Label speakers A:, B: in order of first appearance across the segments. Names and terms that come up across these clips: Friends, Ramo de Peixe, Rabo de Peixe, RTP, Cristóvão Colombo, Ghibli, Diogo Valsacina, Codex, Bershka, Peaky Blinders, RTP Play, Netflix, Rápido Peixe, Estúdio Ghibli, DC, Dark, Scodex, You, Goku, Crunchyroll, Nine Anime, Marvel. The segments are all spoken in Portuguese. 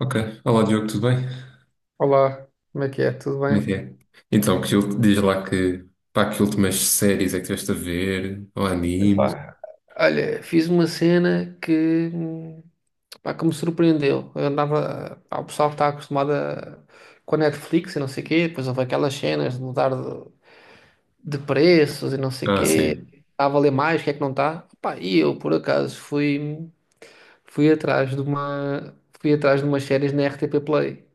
A: Ok. Olá, Diogo, tudo bem?
B: Olá, como é que é? Tudo
A: Como é que
B: bem?
A: é? Então, diz lá que, pá, que últimas séries é que estiveste a ver? Ou animes?
B: Epá, olha, fiz uma cena que, pá, que me surpreendeu. Eu andava. Pá, o pessoal está acostumado a- com a Netflix e não sei o quê, depois houve aquelas cenas de mudar de preços e não sei o
A: Ah,
B: quê.
A: sim.
B: Está a valer mais, o que é que não está? Pá, e eu, por acaso, fui atrás de uma, fui atrás de umas séries na RTP Play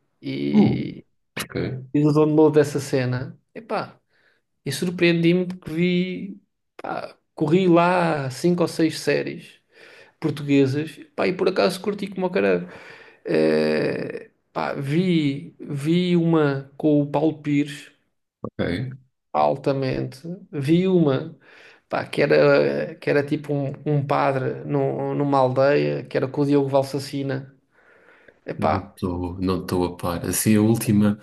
A: Uh,
B: e
A: ok,
B: fiz o download dessa cena. Epá. E surpreendi-me porque vi, pá, corri lá cinco ou seis séries portuguesas, pá, e por acaso curti como o caralho. Pá, vi uma com o Paulo Pires,
A: ok.
B: altamente, vi uma, pá, que era tipo um, um padre num- numa aldeia, que era com o Diogo Valsacina.
A: Não
B: Epá,
A: estou não estou a par. Assim, a última.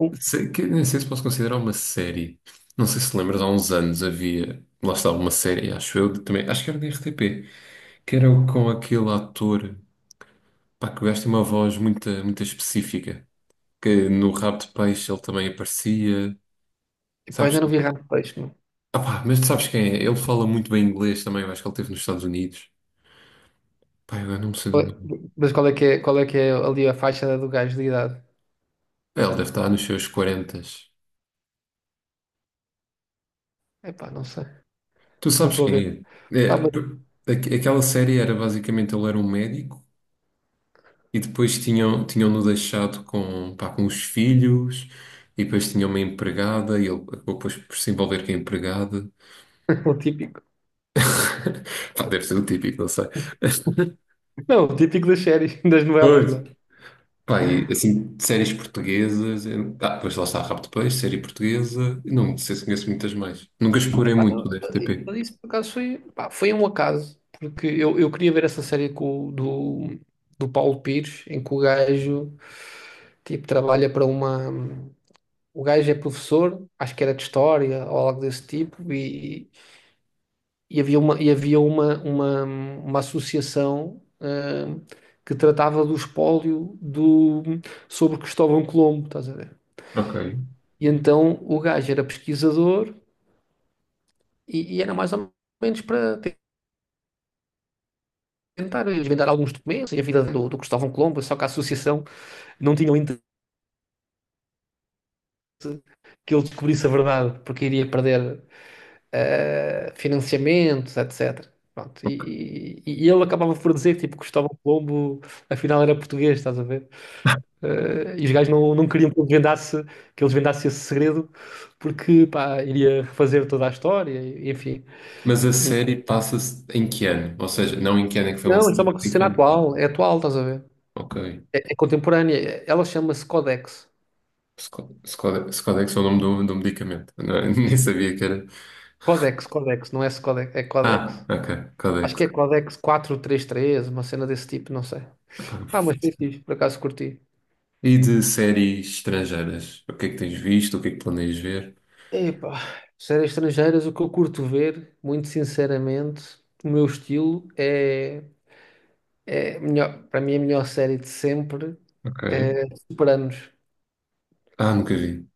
B: uh,
A: Que, nem sei se posso considerar uma série. Não sei se lembras, há uns anos havia. Lá estava uma série, acho eu, também. Acho que era da RTP. Que era com aquele ator. Pá, que o gajo tem uma voz muito, muito específica. Que no Rabo de Peixe ele também aparecia.
B: epá,
A: Sabes?
B: ainda não vi Ramo de Peixe, meu.
A: Ah, pá, mas tu sabes quem é? Ele fala muito bem inglês também, eu acho que ele esteve nos Estados Unidos. Pá, eu não sei do
B: Qual- é,
A: nome.
B: mas qual é que é, qual é que é ali a faixa do gajo de idade?
A: É, ele deve estar nos seus 40.
B: Epá, não sei,
A: Tu
B: não
A: sabes
B: estou a ver.
A: quem é?
B: Pá,
A: É,
B: mas
A: aquela série era basicamente ele era um médico e depois tinham-no deixado com, pá, com os filhos e depois tinha uma empregada e ele acabou depois por se envolver com a empregada.
B: o típico.
A: Pá, deve ser o típico, não sei.
B: Não, o típico das séries, das novelas,
A: Pois.
B: né?
A: Pá, e, assim, de séries portuguesas. Ah, depois lá está Rápido Peixe, série portuguesa. Não sei se conheço muitas mais. Nunca explorei
B: Epá,
A: muito
B: não,
A: o da RTP.
B: mas isso por acaso foi, pá, foi um acaso, porque eu queria ver essa série com, o- do, do Paulo Pires, em que o gajo tipo, trabalha para uma. O gajo é professor, acho que era de história ou algo desse tipo, e havia uma associação que tratava do espólio do, sobre Cristóvão Colombo, estás a ver?
A: Ok.
B: E então o gajo era pesquisador. E era mais ou menos para te- tentar desvendar alguns documentos e a vida do, do Cristóvão Colombo, só que a associação não tinha o interesse que ele descobrisse a verdade, porque iria perder financiamentos, etc. Pronto, e ele acabava por dizer que tipo, Cristóvão Colombo afinal era português, estás a ver? E os gajos não, não queriam que ele desvendasse esse segredo, porque pá, iria refazer toda a história, e- enfim.
A: Mas a
B: E,
A: série passa-se em que ano? Ou seja, não em que ano é que foi
B: não,
A: lançada
B: isso é uma
A: mas em que
B: cena
A: ano?
B: atual, é atual, estás a ver?
A: Ok.
B: É, é contemporânea, ela chama-se Codex.
A: Scodex é o nome do medicamento. Nem sabia que era.
B: Codex, Codex, não é esse Codex, é
A: Ah,
B: Codex.
A: ok.
B: Acho que
A: Codex.
B: é Codex 433, uma cena desse tipo, não sei.
A: Epá.
B: Ah, mas foi fixe, por acaso curti.
A: E de séries estrangeiras? O que é que tens visto? O que é que planeias ver?
B: Epá, séries estrangeiras, o que eu curto ver, muito sinceramente, o meu estilo é, é melhor, para mim é a melhor série de sempre
A: Ok.
B: é Sopranos.
A: Ah, nunca vi.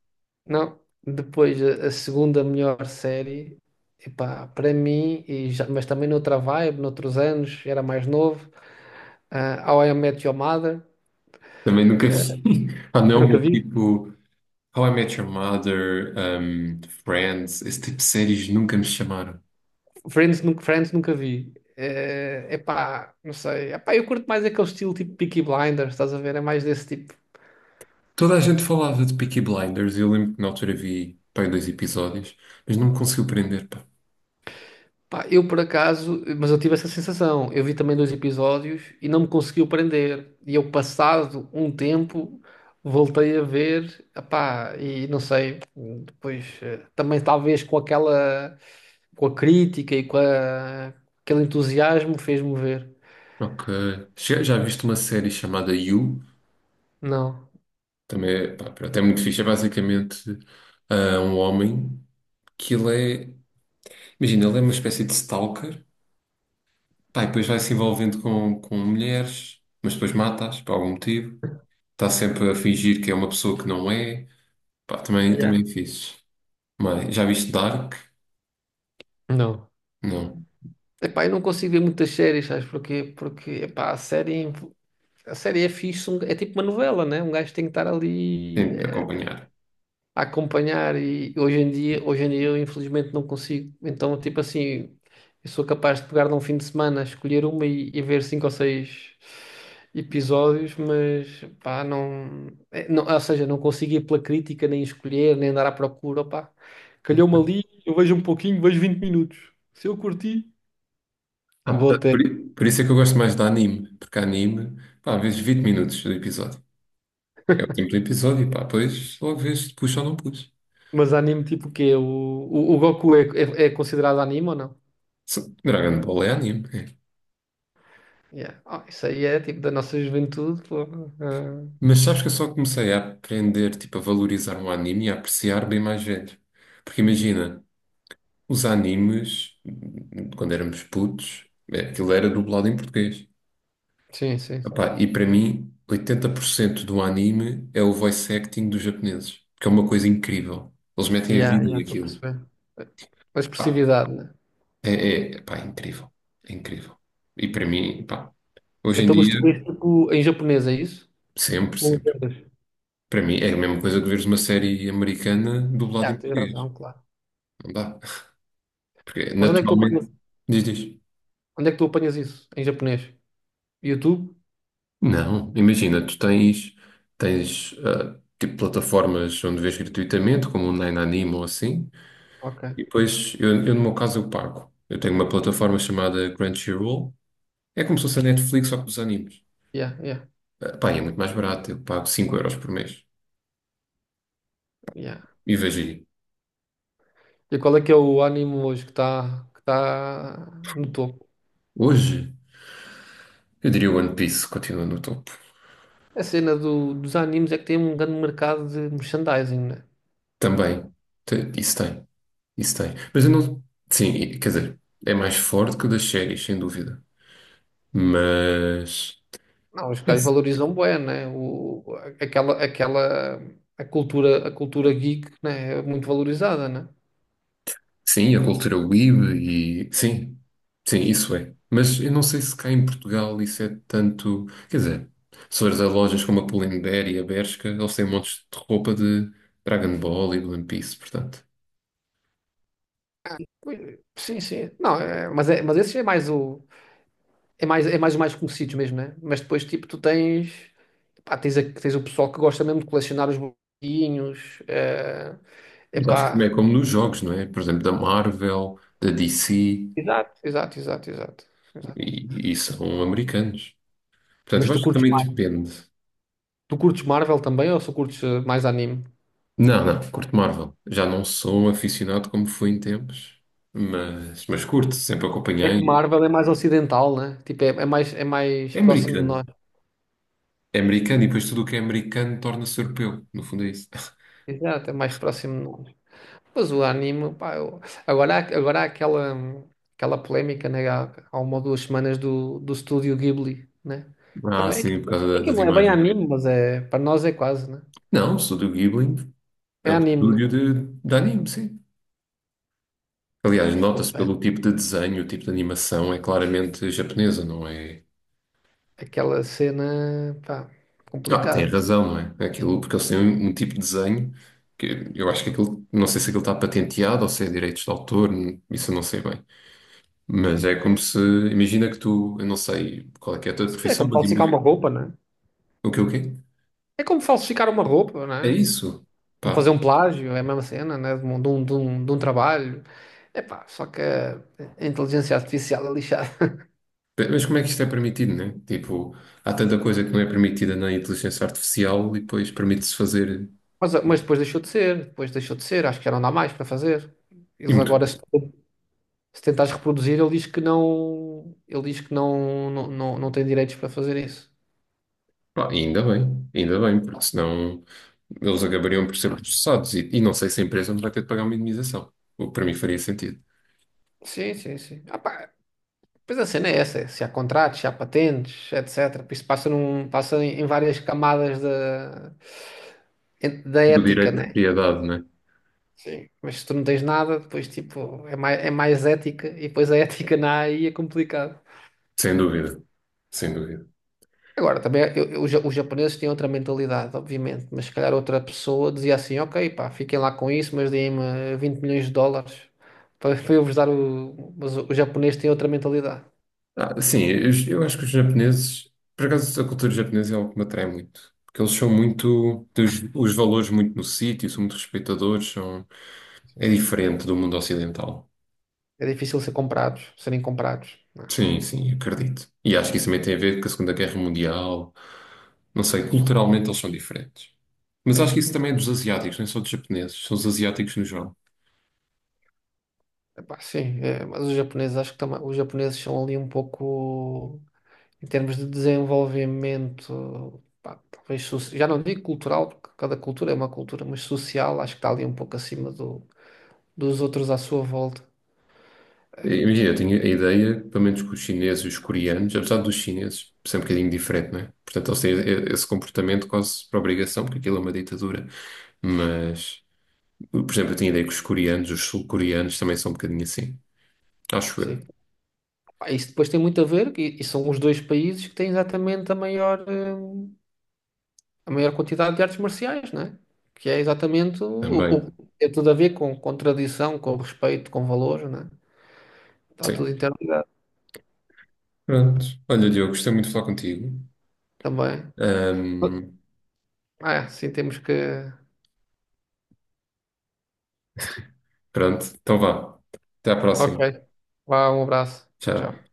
B: Não, depois a segunda melhor série, epá, para mim, e já- mas também noutra vibe, noutros anos, era mais novo, How I Met Your Mother,
A: Também nunca vi. Ah,
B: eu
A: não,
B: nunca
A: meu
B: vi.
A: tipo. How I Met Your Mother, Friends, esse tipo de séries nunca me chamaram.
B: Friends nunca vi. É pá, não sei. Epá, eu curto mais aquele estilo tipo Peaky Blinders, estás a ver? É mais desse tipo.
A: Toda a gente falava de Peaky Blinders, e eu lembro que na altura vi, pá, dois episódios, mas não me conseguiu prender, pá.
B: Pá, eu por acaso, mas eu tive essa sensação. Eu vi também dois episódios e não me conseguiu prender. E eu, passado um tempo, voltei a ver, epá, e não sei. Depois, também talvez com aquela, com a crítica e com a- aquele entusiasmo, fez-me ver.
A: Ok. Já viste uma série chamada You?
B: Não.
A: Também, é, pá, pronto, é muito fixe. É basicamente um homem que ele é. Imagina, ele é uma espécie de stalker, pá, e depois vai se envolvendo com, mulheres, mas depois mata-as por algum motivo. Está sempre a fingir que é uma pessoa que não é. Pá, também,
B: Yeah.
A: também é fixe. Mas já viste Dark?
B: Não.
A: Não.
B: Epá, eu não consigo ver muitas séries, sabes porquê? Porque, epá, a série é fixe, um- é tipo uma novela, né? Um gajo tem que estar ali
A: Tem de acompanhar.
B: a acompanhar e hoje em dia eu infelizmente não consigo. Então, tipo assim, eu sou capaz de pegar num fim de semana, escolher uma e ver cinco ou seis episódios, mas, pá, não, é, não. Ou seja, não consigo ir pela crítica, nem escolher, nem andar à procura, pá. Calhou-me ali, eu vejo um pouquinho, vejo 20 minutos. Se eu curti.
A: Ah,
B: Vou
A: portanto,
B: até,
A: por isso é que eu gosto mais de anime, porque anime, pá, às vezes 20 minutos do episódio. É o tempo do episódio, pá, depois logo vês se puxa ou não puxa.
B: mas anime tipo o quê? O Goku é, é considerado anime ou não?
A: Dragon Ball é anime. É.
B: Yeah. Ah, isso aí é tipo da nossa juventude. Pô. Ah,
A: Mas sabes que eu só comecei a aprender, tipo, a valorizar um anime e a apreciar bem mais velho. Porque imagina, os animes, quando éramos putos, é, aquilo era dublado em português.
B: sim.
A: Epá, e para mim, 80% do anime é o voice acting dos japoneses, que é uma coisa incrível. Eles metem a
B: Yeah,
A: vida
B: yeah, estou a
A: naquilo.
B: perceber. A
A: Pá,
B: expressividade, né?
A: é incrível. É incrível. E para mim, pá, hoje em
B: Então, mas
A: dia,
B: tu vês tipo em japonês, é isso?
A: sempre,
B: Não
A: sempre.
B: entendes?
A: Para mim, é a mesma coisa que veres uma série americana dublada em
B: Yeah, tens
A: português.
B: razão, claro.
A: Não dá. Porque,
B: Mas onde é que tu apanhas,
A: naturalmente, diz, diz.
B: onde é que tu apanhas isso? Em japonês? YouTube?
A: Não, imagina, tu tens, tens tipo plataformas onde vês gratuitamente, como o Nine Anime ou assim.
B: Ok.
A: E depois, eu no meu caso, eu pago. Eu tenho uma plataforma chamada Crunchyroll. É como se fosse a Netflix, só que dos animes.
B: Yeah, yeah,
A: Ah, pá, e é muito mais barato. Eu pago 5 euros por mês.
B: yeah.
A: E vejo aí.
B: E qual é que é o anime hoje que tá no topo?
A: Hoje, eu diria One Piece continua no topo.
B: A cena do- dos animes é que tem um grande mercado de merchandising, né?
A: Também. Isso tem. Isso tem. Mas eu não... Sim, quer dizer, é mais forte que o das séries, sem dúvida. Mas...
B: Não, os caras valorizam bué, né? O, aquela, a cultura geek, né? É muito valorizada, né?
A: Sim, a cultura weeb e sim, sim, isso é. Mas eu não sei se cá em Portugal isso é tanto. Quer dizer, se fores a lojas como a Pull&Bear e a Bershka, eles têm montes de roupa de Dragon Ball e de One Piece, portanto.
B: Pois, sim, sim. Não, é, mas esse é mais o, é mais o mais conhecido mesmo, né? Mas depois, tipo, pá, tens, a- tens o pessoal que gosta mesmo de colecionar os bonequinhos, é,
A: Mas acho que também é
B: epá.
A: como nos jogos, não é? Por exemplo, da Marvel, da DC
B: Exato. Exato.
A: e são americanos. Portanto,
B: Mas
A: eu acho que também depende.
B: tu curtes Marvel também ou só curtes mais anime?
A: Não, não, curto Marvel. Já não sou um aficionado como fui em tempos, mas, curto, sempre
B: É que
A: acompanhei.
B: Marvel é mais ocidental, né? Tipo, é, é mais
A: É
B: próximo de
A: americano.
B: nós.
A: É americano e depois tudo o que é americano torna-se europeu. No fundo é isso.
B: Exato, é mais próximo de nós. Mas o anime, pá, eu- agora há aquela, aquela polémica, né, há, há uma ou duas semanas do, do estúdio Ghibli, né?
A: Ah,
B: Também
A: sim, por causa
B: é que
A: das
B: não é bem
A: imagens.
B: anime, mas é, para nós é quase, né?
A: Não, o Estúdio Ghibli é
B: É
A: um
B: anime, né?
A: estúdio de anime, sim. Aliás, nota-se
B: Fogo, é
A: pelo tipo de desenho, o tipo de animação, é claramente japonesa, não é?
B: aquela cena, pá,
A: Ah, tem
B: complicado.
A: razão, não é? Aquilo, porque eles têm um tipo de desenho que eu acho que aquilo, não sei se aquilo está patenteado ou se é direitos de autor, isso eu não sei bem. Mas é como se, imagina que tu, eu não sei qual é que é a tua
B: Sim, é
A: profissão,
B: como
A: mas
B: falsificar uma
A: imagina.
B: roupa, né?
A: O quê, o quê?
B: É como falsificar uma roupa,
A: É
B: né?
A: isso.
B: Como
A: Pá,
B: fazer um plágio, é a mesma cena, né? De um trabalho. É pá, só que a inteligência artificial é lixada.
A: mas como é que isto é permitido, né? Tipo, há tanta coisa que não é permitida na inteligência artificial e depois permite-se fazer.
B: Mas depois deixou de ser, depois deixou de ser, acho que já não dá mais para fazer.
A: E
B: Eles
A: muito
B: agora,
A: bem.
B: se tentares reproduzir, ele diz que não, ele diz que não, não, não, não tem direitos para fazer isso.
A: Pá, e ainda bem, porque senão eles acabariam por ser processados e não sei se a empresa não vai ter de pagar uma indemnização. O que para mim faria sentido.
B: Sim, sim, sim. Ah, pá, pois a cena é essa, é se há contratos, se há patentes, etc. Isso passa, num, passa em várias camadas da, en- da
A: Do
B: ética,
A: direito de
B: né?
A: propriedade, né?
B: Sim. Mas se tu não tens nada, depois tipo, é mais ética, e depois a ética na AI é complicado.
A: Sem dúvida, sem dúvida.
B: Agora, também eu- os ja- os japoneses têm outra mentalidade, obviamente, mas se calhar outra pessoa dizia assim: ok, pá, fiquem lá com isso, mas deem-me 20 milhões de dólares para eu vos dar o. Mas os japoneses têm outra mentalidade.
A: Ah, sim, eu acho que os japoneses, por acaso a cultura japonesa é algo que me atrai muito, porque eles são muito, têm os valores muito no sítio, são muito respeitadores. É
B: Sim, sim.
A: diferente do mundo ocidental.
B: É difícil ser comprados, serem comprados. Não é?
A: Sim, sim, acredito. E acho que isso também tem a ver com a Segunda Guerra Mundial. Não sei, culturalmente eles são diferentes. Mas
B: É,
A: acho que isso
B: sim, sim.
A: também é dos asiáticos, não é só dos japoneses, são os asiáticos no geral.
B: Epá, sim, é, mas os japoneses acho que também, os japoneses são ali um pouco, em termos de desenvolvimento, pá, talvez, soci- já não digo cultural, porque cada cultura é uma cultura, mas social, acho que está ali um pouco acima do dos outros à sua volta.
A: E, imagina, eu tinha a ideia, pelo menos com os chineses e os coreanos, apesar dos chineses ser um bocadinho diferente, não é? Portanto, eles têm esse comportamento quase por obrigação, porque aquilo é uma ditadura. Mas, por exemplo, eu tinha a ideia que os coreanos, os sul-coreanos também são um bocadinho assim. Acho eu.
B: Sim. Pá, isso depois tem muito a ver, e são os dois países que têm exatamente a maior quantidade de artes marciais, não é? Que é exatamente o-
A: Também.
B: tem tudo a ver com tradição, com respeito, com valores, não é? Está tudo
A: Sim.
B: interligado
A: Pronto. Olha, Diogo, gostei muito de falar contigo.
B: também.
A: Ahm,
B: Ah, é, sim, temos que.
A: pronto, então vá. Até à próxima.
B: Ok. Vá, um abraço. Tchau,
A: Tchau.
B: tchau.